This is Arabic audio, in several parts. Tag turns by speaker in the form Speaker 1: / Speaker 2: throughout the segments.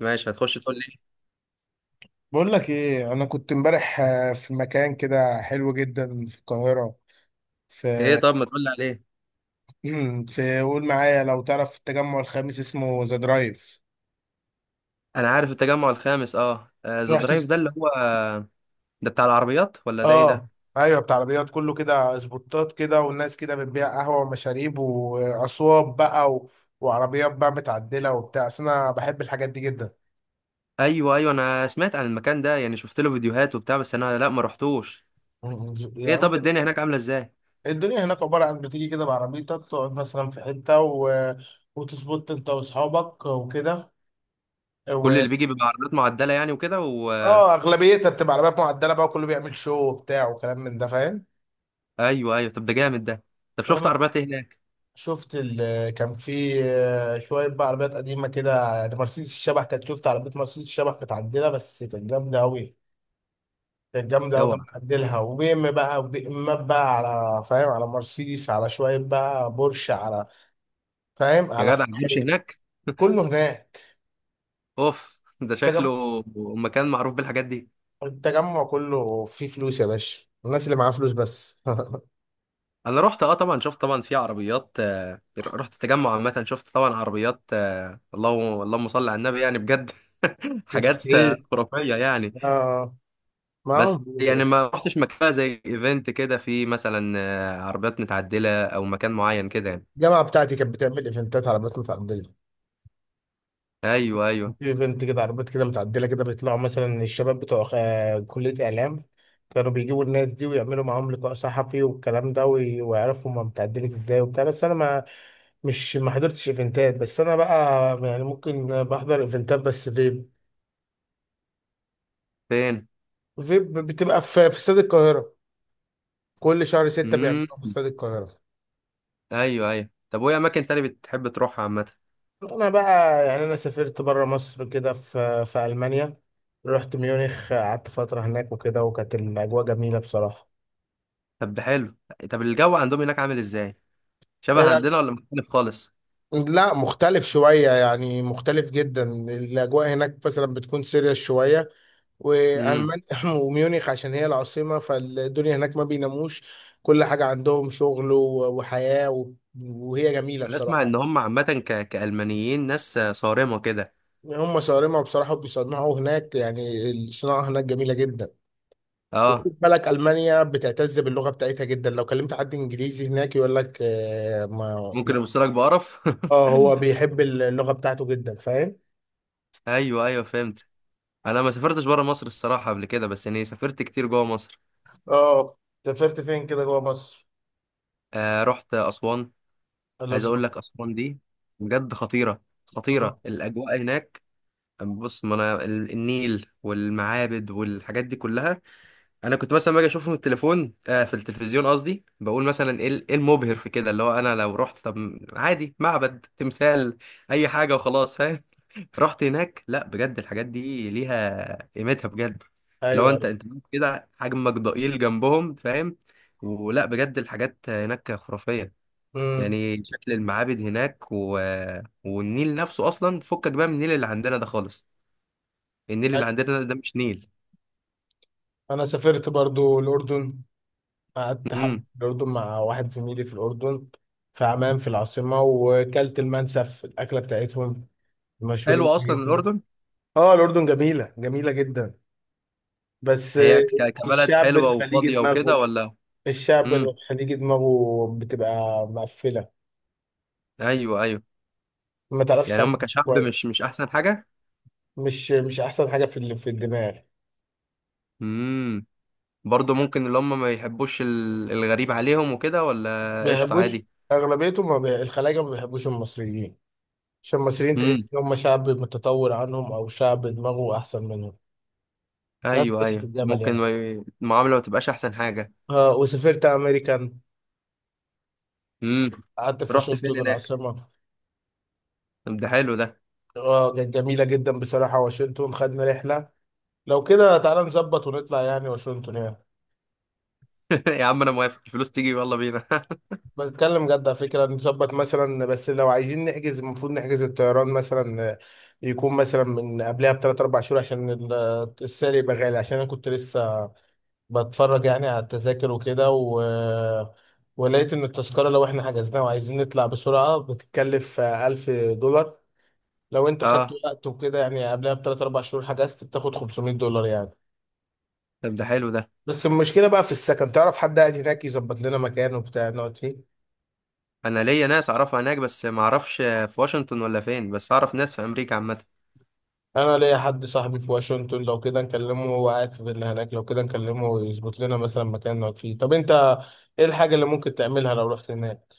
Speaker 1: ماشي، هتخش تقول لي
Speaker 2: بقول لك ايه. انا كنت امبارح في مكان كده حلو جدا في القاهره.
Speaker 1: ايه؟
Speaker 2: في
Speaker 1: طب ما تقول لي عليه.
Speaker 2: في قول معايا، لو تعرف التجمع الخامس اسمه ذا درايف.
Speaker 1: انا عارف التجمع الخامس، اه ذا
Speaker 2: رحت س-
Speaker 1: درايف ده اللي هو ده بتاع العربيات ولا ده ايه
Speaker 2: اه
Speaker 1: ده؟
Speaker 2: ايوه، بتاع عربيات، كله كده اسبوتات كده، والناس كده بتبيع قهوه ومشاريب واصواب بقى وعربيات بقى متعدله وبتاع. أصل انا بحب الحاجات دي جدا.
Speaker 1: ايوه ايوه، انا سمعت عن المكان ده، يعني شفت له فيديوهات وبتاع، بس انا لا ما رحتوش. ايه
Speaker 2: يعني
Speaker 1: طب الدنيا هناك عامله ازاي؟
Speaker 2: الدنيا هناك عباره عن بتيجي كده بعربيتك، تقعد مثلا في حته وتظبط انت واصحابك وكده.
Speaker 1: كل اللي بيجي بيبقى عربيات معدله يعني وكده و
Speaker 2: اه، اغلبيتها بتبقى عربيات معدله بقى، كله بيعمل شو وبتاع وكلام من ده، فاهم.
Speaker 1: ايوه ايوه طب ده جامد ده. طب شفت
Speaker 2: اه،
Speaker 1: عربيات ايه هناك؟
Speaker 2: شفت ال كان في آه، شويه بقى عربيات قديمه كده، يعني مرسيدس الشبح كانت، شفت عربيه مرسيدس الشبح متعدله بس كانت جامده قوي. كانت جامده قوي كان
Speaker 1: اوعى!
Speaker 2: معدلها. وبي ام بقى وبي امات بقى، على فاهم، على مرسيدس، على شويه بقى بورش، على فاهم،
Speaker 1: يا
Speaker 2: على
Speaker 1: جدع البورش
Speaker 2: فيراري،
Speaker 1: هناك!
Speaker 2: كله هناك.
Speaker 1: اوف ده شكله
Speaker 2: التجمع،
Speaker 1: مكان معروف بالحاجات دي.
Speaker 2: التجمع كله فيه فلوس يا باشا، الناس اللي معاها فلوس بس.
Speaker 1: انا رحت، اه طبعا شفت طبعا في عربيات، رحت تجمع عامه شفت طبعا عربيات، اللهم اللهم صل على النبي يعني بجد. حاجات
Speaker 2: بتسعيد.
Speaker 1: خرافيه يعني.
Speaker 2: اه، معاهم
Speaker 1: بس
Speaker 2: فلوس يا
Speaker 1: يعني
Speaker 2: باشا.
Speaker 1: ما رحتش مكان بقى زي ايفنت كده في مثلا، عربيات متعدله او مكان معين كده يعني.
Speaker 2: الجامعه بتاعتي كانت بتعمل ايفنتات عربيات متعدله،
Speaker 1: ايوه ايوه.
Speaker 2: ايفنت كده عربيات كده متعدله كده، بيطلعوا مثلا الشباب بتوع كليه اعلام، كانوا بيجيبوا الناس دي ويعملوا معاهم لقاء صحفي والكلام ده، ويعرفوا هما متعدلة ازاي وبتاع. بس انا ما مش ما حضرتش ايفنتات، بس انا بقى يعني ممكن بحضر ايفنتات بس فيب.
Speaker 1: فين؟
Speaker 2: فيب بتبقى في استاد القاهره، كل شهر ستة
Speaker 1: امم.
Speaker 2: بيعملوها في استاد القاهره.
Speaker 1: ايوه ايوه، طب وايه اماكن تاني بتحب تروحها عامه؟
Speaker 2: انا بقى يعني انا سافرت بره مصر كده، في المانيا، رحت ميونخ، قعدت فتره هناك وكده، وكانت الاجواء جميله بصراحه.
Speaker 1: طب حلو. طب الجو عندهم هناك عامل ازاي؟ شبه
Speaker 2: إيه،
Speaker 1: عندنا ولا مختلف خالص؟
Speaker 2: لا، مختلف شوية، يعني مختلف جدا. الأجواء هناك مثلا بتكون سيريس شوية، وألمانيا وميونخ عشان هي العاصمة، فالدنيا هناك ما بيناموش، كل حاجة عندهم شغل وحياة وهي جميلة
Speaker 1: انا اسمع ان
Speaker 2: بصراحة.
Speaker 1: هم عامه كالمانيين ناس صارمه كده.
Speaker 2: هم صارمة بصراحة، وبيصنعوا هناك يعني الصناعة هناك جميلة جدا.
Speaker 1: اه
Speaker 2: وخد بالك، المانيا بتعتز باللغه بتاعتها جدا، لو كلمت حد انجليزي هناك يقول لك آه ما
Speaker 1: ممكن
Speaker 2: لا.
Speaker 1: يبصوا لك بقرف.
Speaker 2: اه، هو بيحب اللغه بتاعته جدا، فاهم.
Speaker 1: ايوه ايوه فهمت. انا ما سافرتش بره مصر الصراحه قبل كده، بس يعني سافرت كتير جوه مصر.
Speaker 2: اه. سافرت فين كده جوه مصر؟
Speaker 1: آه رحت اسوان. عايز
Speaker 2: الأقصر.
Speaker 1: اقول لك اسوان دي بجد خطيره،
Speaker 2: مم.
Speaker 1: خطيره الاجواء هناك. بص، ما انا النيل والمعابد والحاجات دي كلها، انا كنت مثلا باجي اشوفه في التليفون، آه في التلفزيون قصدي، بقول مثلا ايه إيه المبهر في كده، اللي هو انا لو رحت طب عادي، معبد، تمثال، اي حاجه وخلاص، فاهم. رحت هناك، لا بجد الحاجات دي ليها قيمتها بجد. لو
Speaker 2: ايوه
Speaker 1: انت
Speaker 2: ايوه.
Speaker 1: انت كده حجمك ضئيل جنبهم فاهم، ولا بجد الحاجات هناك خرافيه،
Speaker 2: امم.
Speaker 1: يعني شكل المعابد هناك و... والنيل نفسه، اصلا فكك بقى من النيل اللي عندنا ده خالص. النيل اللي
Speaker 2: أيوة.
Speaker 1: عندنا ده مش نيل.
Speaker 2: انا سافرت برضو الاردن، قعدت حب
Speaker 1: امم.
Speaker 2: الاردن مع واحد زميلي في الاردن، في عمان في العاصمه، وكلت المنسف الاكله بتاعتهم،
Speaker 1: حلو
Speaker 2: مشهورين بيها
Speaker 1: اصلا
Speaker 2: جدا.
Speaker 1: الاردن.
Speaker 2: اه، الاردن جميله، جميله جدا، بس
Speaker 1: هي كبلد
Speaker 2: الشعب
Speaker 1: حلوة
Speaker 2: الخليجي
Speaker 1: وفاضية وكده
Speaker 2: دماغه،
Speaker 1: ولا؟
Speaker 2: الشعب
Speaker 1: امم،
Speaker 2: الخليجي دماغه بتبقى مقفلة،
Speaker 1: ايوه ايوه،
Speaker 2: ما تعرفش
Speaker 1: يعني
Speaker 2: تعمل
Speaker 1: هم كشعب
Speaker 2: كويس.
Speaker 1: مش مش احسن حاجة.
Speaker 2: مش مش أحسن حاجة في الدماغ.
Speaker 1: امم. برضه ممكن اللي هم ما يحبوش الغريب عليهم وكده، ولا قشطة
Speaker 2: بيحبوش،
Speaker 1: عادي؟
Speaker 2: أغلبيتهم ما الخلايجة ما بيحبوش المصريين، عشان المصريين
Speaker 1: امم،
Speaker 2: تحس إن هم شعب متطور عنهم أو شعب دماغه أحسن منهم. ناس
Speaker 1: ايوه
Speaker 2: بتعيش في
Speaker 1: ايوه،
Speaker 2: الجبل
Speaker 1: ممكن
Speaker 2: يعني.
Speaker 1: ما ي- المعاملة ما تبقاش احسن حاجة.
Speaker 2: آه، وسافرت أمريكان،
Speaker 1: امم.
Speaker 2: قعدت في
Speaker 1: رحت
Speaker 2: واشنطن
Speaker 1: فين هناك؟
Speaker 2: العاصمة.
Speaker 1: طب ده حلو ده.
Speaker 2: آه كانت جميلة جدا بصراحة، واشنطن. خدنا رحلة لو كده، تعالى نظبط ونطلع يعني واشنطن يعني.
Speaker 1: يا عم انا موافق، الفلوس تيجي يلا بينا.
Speaker 2: بتكلم جد على فكرة، نظبط مثلا. بس لو عايزين نحجز، المفروض نحجز الطيران مثلا، يكون مثلا من قبلها بثلاث أربع شهور، عشان السعر يبقى غالي. عشان أنا كنت لسه بتفرج يعني على التذاكر وكده ولقيت إن التذكرة لو إحنا حجزناها وعايزين نطلع بسرعة بتتكلف 1000 دولار. لو أنت خدت
Speaker 1: اه
Speaker 2: وقت وكده، يعني قبلها بثلاث أربع شهور حجزت، بتاخد 500 دولار يعني.
Speaker 1: طب ده حلو ده.
Speaker 2: بس المشكلة بقى في السكن، تعرف حد قاعد هناك يظبط لنا مكان وبتاع نقعد فيه؟
Speaker 1: انا ليا ناس اعرفها هناك، بس ما اعرفش في واشنطن ولا فين، بس اعرف ناس في امريكا عامة.
Speaker 2: انا ليا حد صاحبي في واشنطن، لو كده نكلمه، هو قاعد في اللي هناك، لو كده نكلمه ويظبط لنا مثلا مكان نقعد فيه. طب انت ايه الحاجه اللي ممكن تعملها لو رحت هناك؟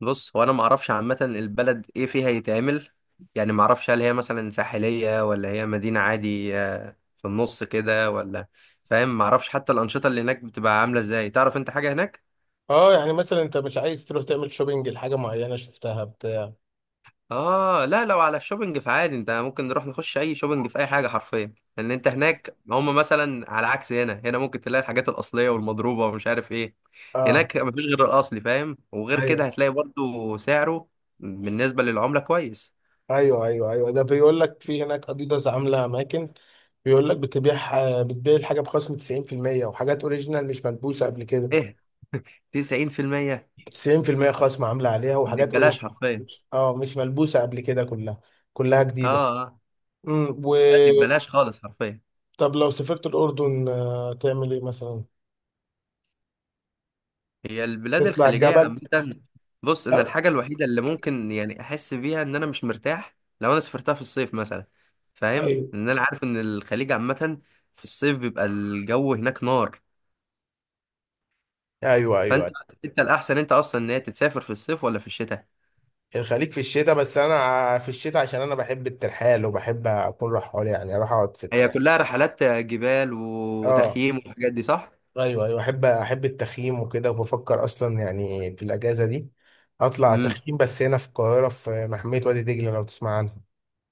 Speaker 1: بص، هو انا ما اعرفش عامه البلد ايه فيها يتعمل، يعني ما اعرفش هل هي مثلا ساحليه ولا هي مدينه عادي، في النص كده ولا، فاهم؟ ما اعرفش حتى الانشطه اللي هناك بتبقى عامله ازاي، تعرف انت حاجه هناك؟
Speaker 2: اه يعني مثلا انت مش عايز تروح تعمل شوبينج لحاجه معينه شفتها بتاع
Speaker 1: اه لا، لو على الشوبينج فعادي، انت ممكن نروح نخش اي شوبينج في اي حاجه حرفيا، لان انت هناك هم مثلا على عكس هنا، هنا ممكن تلاقي الحاجات الاصليه والمضروبه ومش عارف ايه.
Speaker 2: اه.
Speaker 1: هناك مفيش غير الاصلي فاهم، وغير كده
Speaker 2: ايوه
Speaker 1: هتلاقي برضو سعره بالنسبه للعمله كويس.
Speaker 2: ايوه ايوه ايوه ده بيقول لك في هناك اديداس عامله اماكن، بيقول لك بتبيع الحاجه بخصم 90%، وحاجات اوريجينال مش ملبوسه قبل كده.
Speaker 1: ايه، 90%؟
Speaker 2: 90% خصم عامله عليها،
Speaker 1: دي
Speaker 2: وحاجات
Speaker 1: ببلاش
Speaker 2: اوريجينال،
Speaker 1: حرفيا.
Speaker 2: اه، مش ملبوسه قبل كده، كلها كلها
Speaker 1: اه
Speaker 2: جديده.
Speaker 1: اه
Speaker 2: و
Speaker 1: لا، دي ببلاش خالص حرفيا.
Speaker 2: طب لو سافرت الأردن تعمل ايه مثلا؟
Speaker 1: هي البلاد
Speaker 2: نطلع
Speaker 1: الخليجية
Speaker 2: الجبل.
Speaker 1: عامة، بص انا
Speaker 2: ايوه
Speaker 1: الحاجة الوحيدة اللي ممكن يعني احس بيها ان انا مش مرتاح لو انا سافرتها في الصيف مثلا، فاهم؟ ان انا عارف ان الخليج عامة في الصيف بيبقى الجو هناك نار.
Speaker 2: ايوه ايوه
Speaker 1: فانت،
Speaker 2: أيوة.
Speaker 1: انت الاحسن، انت اصلا ان هي تتسافر في الصيف ولا في الشتاء؟
Speaker 2: الخليج في الشتاء، بس انا في الشتاء عشان انا بحب الترحال وبحب اكون رحال، يعني اروح اقعد في
Speaker 1: هي كلها رحلات جبال
Speaker 2: اه
Speaker 1: وتخييم والحاجات دي صح؟
Speaker 2: ايوه ايوه، احب احب التخييم وكده، وبفكر اصلا يعني في الاجازه دي اطلع تخييم، بس هنا في القاهره، في محميه وادي دجله لو تسمع عنها.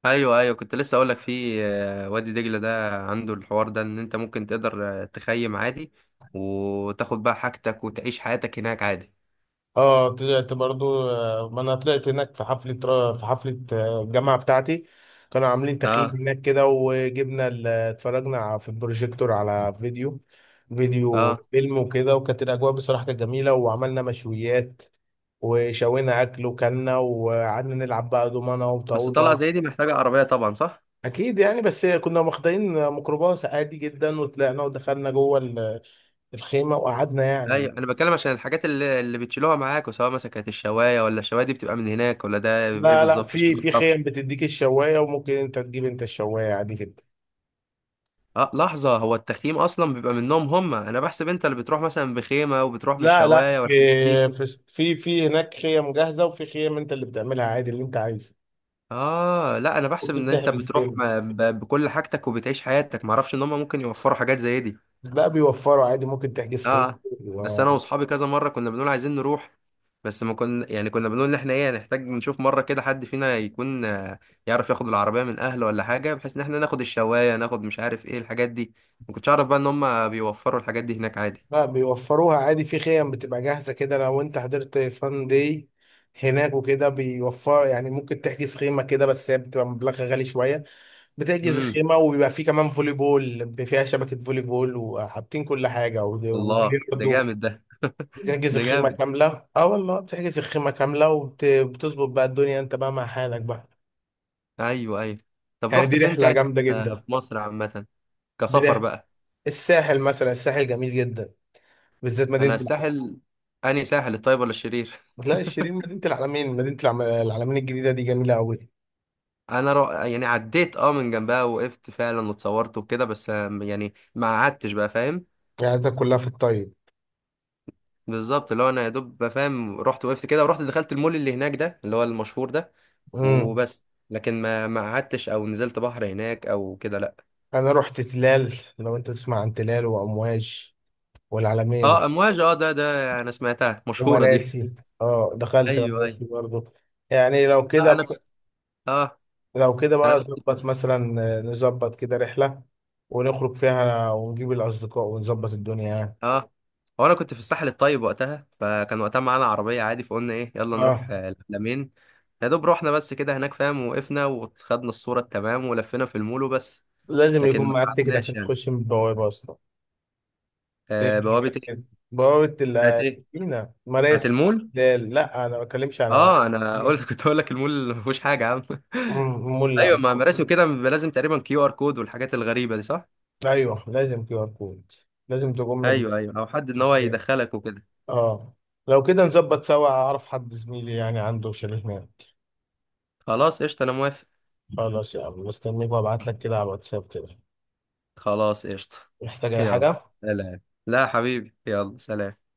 Speaker 1: ايوه ايوه، كنت لسه اقول لك في، وادي دجله ده عنده الحوار ده ان انت ممكن تقدر تخيم عادي، وتاخد بقى حاجتك وتعيش حياتك هناك عادي.
Speaker 2: اه، طلعت برضو ما انا طلعت هناك في حفلة الجامعة بتاعتي، كانوا عاملين تخييم
Speaker 1: اه.
Speaker 2: هناك كده، وجبنا اتفرجنا في البروجيكتور على فيديو فيديو
Speaker 1: اه
Speaker 2: فيلم وكده، وكانت الأجواء بصراحة كانت جميلة، وعملنا مشويات وشوينا أكل وكلنا، وقعدنا نلعب بقى دومنة
Speaker 1: بس طلعه
Speaker 2: وطاولة.
Speaker 1: زي دي محتاجه عربيه طبعا صح؟
Speaker 2: أكيد يعني، بس كنا واخدين ميكروباص عادي جدا، وطلعنا ودخلنا جوه الخيمة وقعدنا يعني.
Speaker 1: ايوه، انا بتكلم عشان الحاجات اللي بتشيلوها معاك، وسواء مثلا كانت الشوايه، ولا الشوايه دي بتبقى من هناك، ولا ده بيبقى ايه
Speaker 2: لا
Speaker 1: بالظبط، عشان
Speaker 2: في
Speaker 1: ما اعرفش.
Speaker 2: خيم بتديك الشوايه، وممكن انت تجيب انت الشوايه عادي جدا.
Speaker 1: اه لحظه، هو التخييم اصلا بيبقى منهم هم؟ انا بحسب انت اللي بتروح مثلا بخيمه وبتروح
Speaker 2: لا
Speaker 1: بالشوايه
Speaker 2: في
Speaker 1: والحاجات دي.
Speaker 2: في في في هناك خيم جاهزه، وفي خيم انت اللي بتعملها عادي اللي انت عايزه.
Speaker 1: اه لا، انا بحسب
Speaker 2: ممكن
Speaker 1: ان انت
Speaker 2: تحجز
Speaker 1: بتروح
Speaker 2: خيم.
Speaker 1: بكل حاجتك وبتعيش حياتك، ما اعرفش ان هم ممكن يوفروا حاجات زي دي.
Speaker 2: لا، بيوفروا عادي، ممكن تحجز خيم
Speaker 1: اه. بس انا
Speaker 2: و-
Speaker 1: واصحابي كذا مره كنا بنقول عايزين نروح، بس ما كنا، يعني كنا بنقول ان احنا ايه، نحتاج نشوف مره كده حد فينا يكون يعرف ياخد العربيه من اهله ولا حاجه، بحيث ان احنا ناخد الشوايه، ناخد مش عارف ايه الحاجات دي. ما كنتش اعرف بقى ان هم بيوفروا الحاجات دي هناك عادي.
Speaker 2: لا بيوفروها عادي، في خيم بتبقى جاهزه كده، لو انت حضرت فان داي هناك وكده، بيوفر يعني ممكن تحجز خيمه كده، بس هي بتبقى مبلغها غالي شويه. بتحجز
Speaker 1: امم.
Speaker 2: الخيمة، وبيبقى فيه كمان فولي بول، بيبقى فيها شبكة فولي بول، وحاطين كل حاجة
Speaker 1: الله ده
Speaker 2: وبلياردو.
Speaker 1: جامد ده.
Speaker 2: بتحجز
Speaker 1: ده
Speaker 2: الخيمة
Speaker 1: جامد.
Speaker 2: كاملة، اه والله، بتحجز الخيمة كاملة وبتظبط بقى الدنيا، انت بقى مع حالك بقى.
Speaker 1: ايوه ايوه. طب
Speaker 2: يعني دي
Speaker 1: رحت فين
Speaker 2: رحلة
Speaker 1: تاني،
Speaker 2: جامدة جدا.
Speaker 1: في مصر عامه،
Speaker 2: دي
Speaker 1: كسفر
Speaker 2: رحلة
Speaker 1: بقى؟
Speaker 2: الساحل مثلا، الساحل جميل جدا، بالذات مدينة
Speaker 1: انا
Speaker 2: العلمين.
Speaker 1: الساحل، اني ساحل، الطيب ولا الشرير؟
Speaker 2: لا الشيرين، مدينة العلمين، العلمين الجديدة دي جميلة أوي.
Speaker 1: انا يعني عديت اه من جنبها، وقفت فعلا واتصورت وكده، بس يعني ما قعدتش بقى فاهم.
Speaker 2: يعني ده كلها في الطيب.
Speaker 1: بالظبط، اللي هو انا يا دوب بقى فاهم، رحت وقفت كده، ورحت دخلت المول اللي هناك ده اللي هو المشهور ده،
Speaker 2: امم.
Speaker 1: وبس. لكن ما قعدتش او نزلت بحر هناك او كده لا.
Speaker 2: أنا رحت تلال، لو أنت تسمع عن تلال وأمواج والعلمين
Speaker 1: اه امواج، اه ده انا سمعتها مشهورة دي.
Speaker 2: ومراسي. اه دخلت
Speaker 1: ايوه ايوه.
Speaker 2: مراسي برضو. يعني لو كده
Speaker 1: لا انا
Speaker 2: بقى،
Speaker 1: كنت، اه
Speaker 2: لو كده
Speaker 1: انا
Speaker 2: بقى نظبط
Speaker 1: كنت،
Speaker 2: مثلا نظبط كده رحلة ونخرج فيها ونجيب الأصدقاء ونظبط الدنيا يعني.
Speaker 1: اه هو انا كنت في الساحل الطيب وقتها، فكان وقتها معانا عربيه عادي، فقلنا ايه يلا
Speaker 2: اه،
Speaker 1: نروح العلمين. يا دوب رحنا بس كده هناك فاهم، وقفنا وخدنا الصوره التمام ولفينا في المول وبس.
Speaker 2: لازم
Speaker 1: لكن
Speaker 2: يكون
Speaker 1: ما
Speaker 2: معاك تيكت
Speaker 1: قعدناش
Speaker 2: عشان
Speaker 1: يعني.
Speaker 2: تخش من البوابة أصلا. إيه،
Speaker 1: آه بوابه ايه؟
Speaker 2: بوابة
Speaker 1: بتاعت ايه،
Speaker 2: المدينة
Speaker 1: بتاعت
Speaker 2: مراسي.
Speaker 1: المول؟
Speaker 2: لا لا، أنا ما بتكلمش على
Speaker 1: اه انا قلت كنت اقول لك المول ما فيهوش حاجه يا عم.
Speaker 2: مول،
Speaker 1: ايوه
Speaker 2: لا.
Speaker 1: مع مراسي وكده بيبقى لازم تقريبا كيو ار كود والحاجات الغريبه دي صح؟
Speaker 2: أيوه، لازم كيو آر كود، لازم تقوم
Speaker 1: ايوه ايوه، او حد ان هو
Speaker 2: الشركات.
Speaker 1: يدخلك وكده.
Speaker 2: اه. لو كده نظبط سوا، أعرف حد زميلي يعني عنده شاليه هناك.
Speaker 1: خلاص قشطه، انا موافق.
Speaker 2: خلاص يا عم، مستنيك، وابعت لك كده على الواتساب كده،
Speaker 1: خلاص قشطه.
Speaker 2: محتاج اي
Speaker 1: يلا
Speaker 2: حاجة.
Speaker 1: سلام. لا يا حبيبي يلا سلام.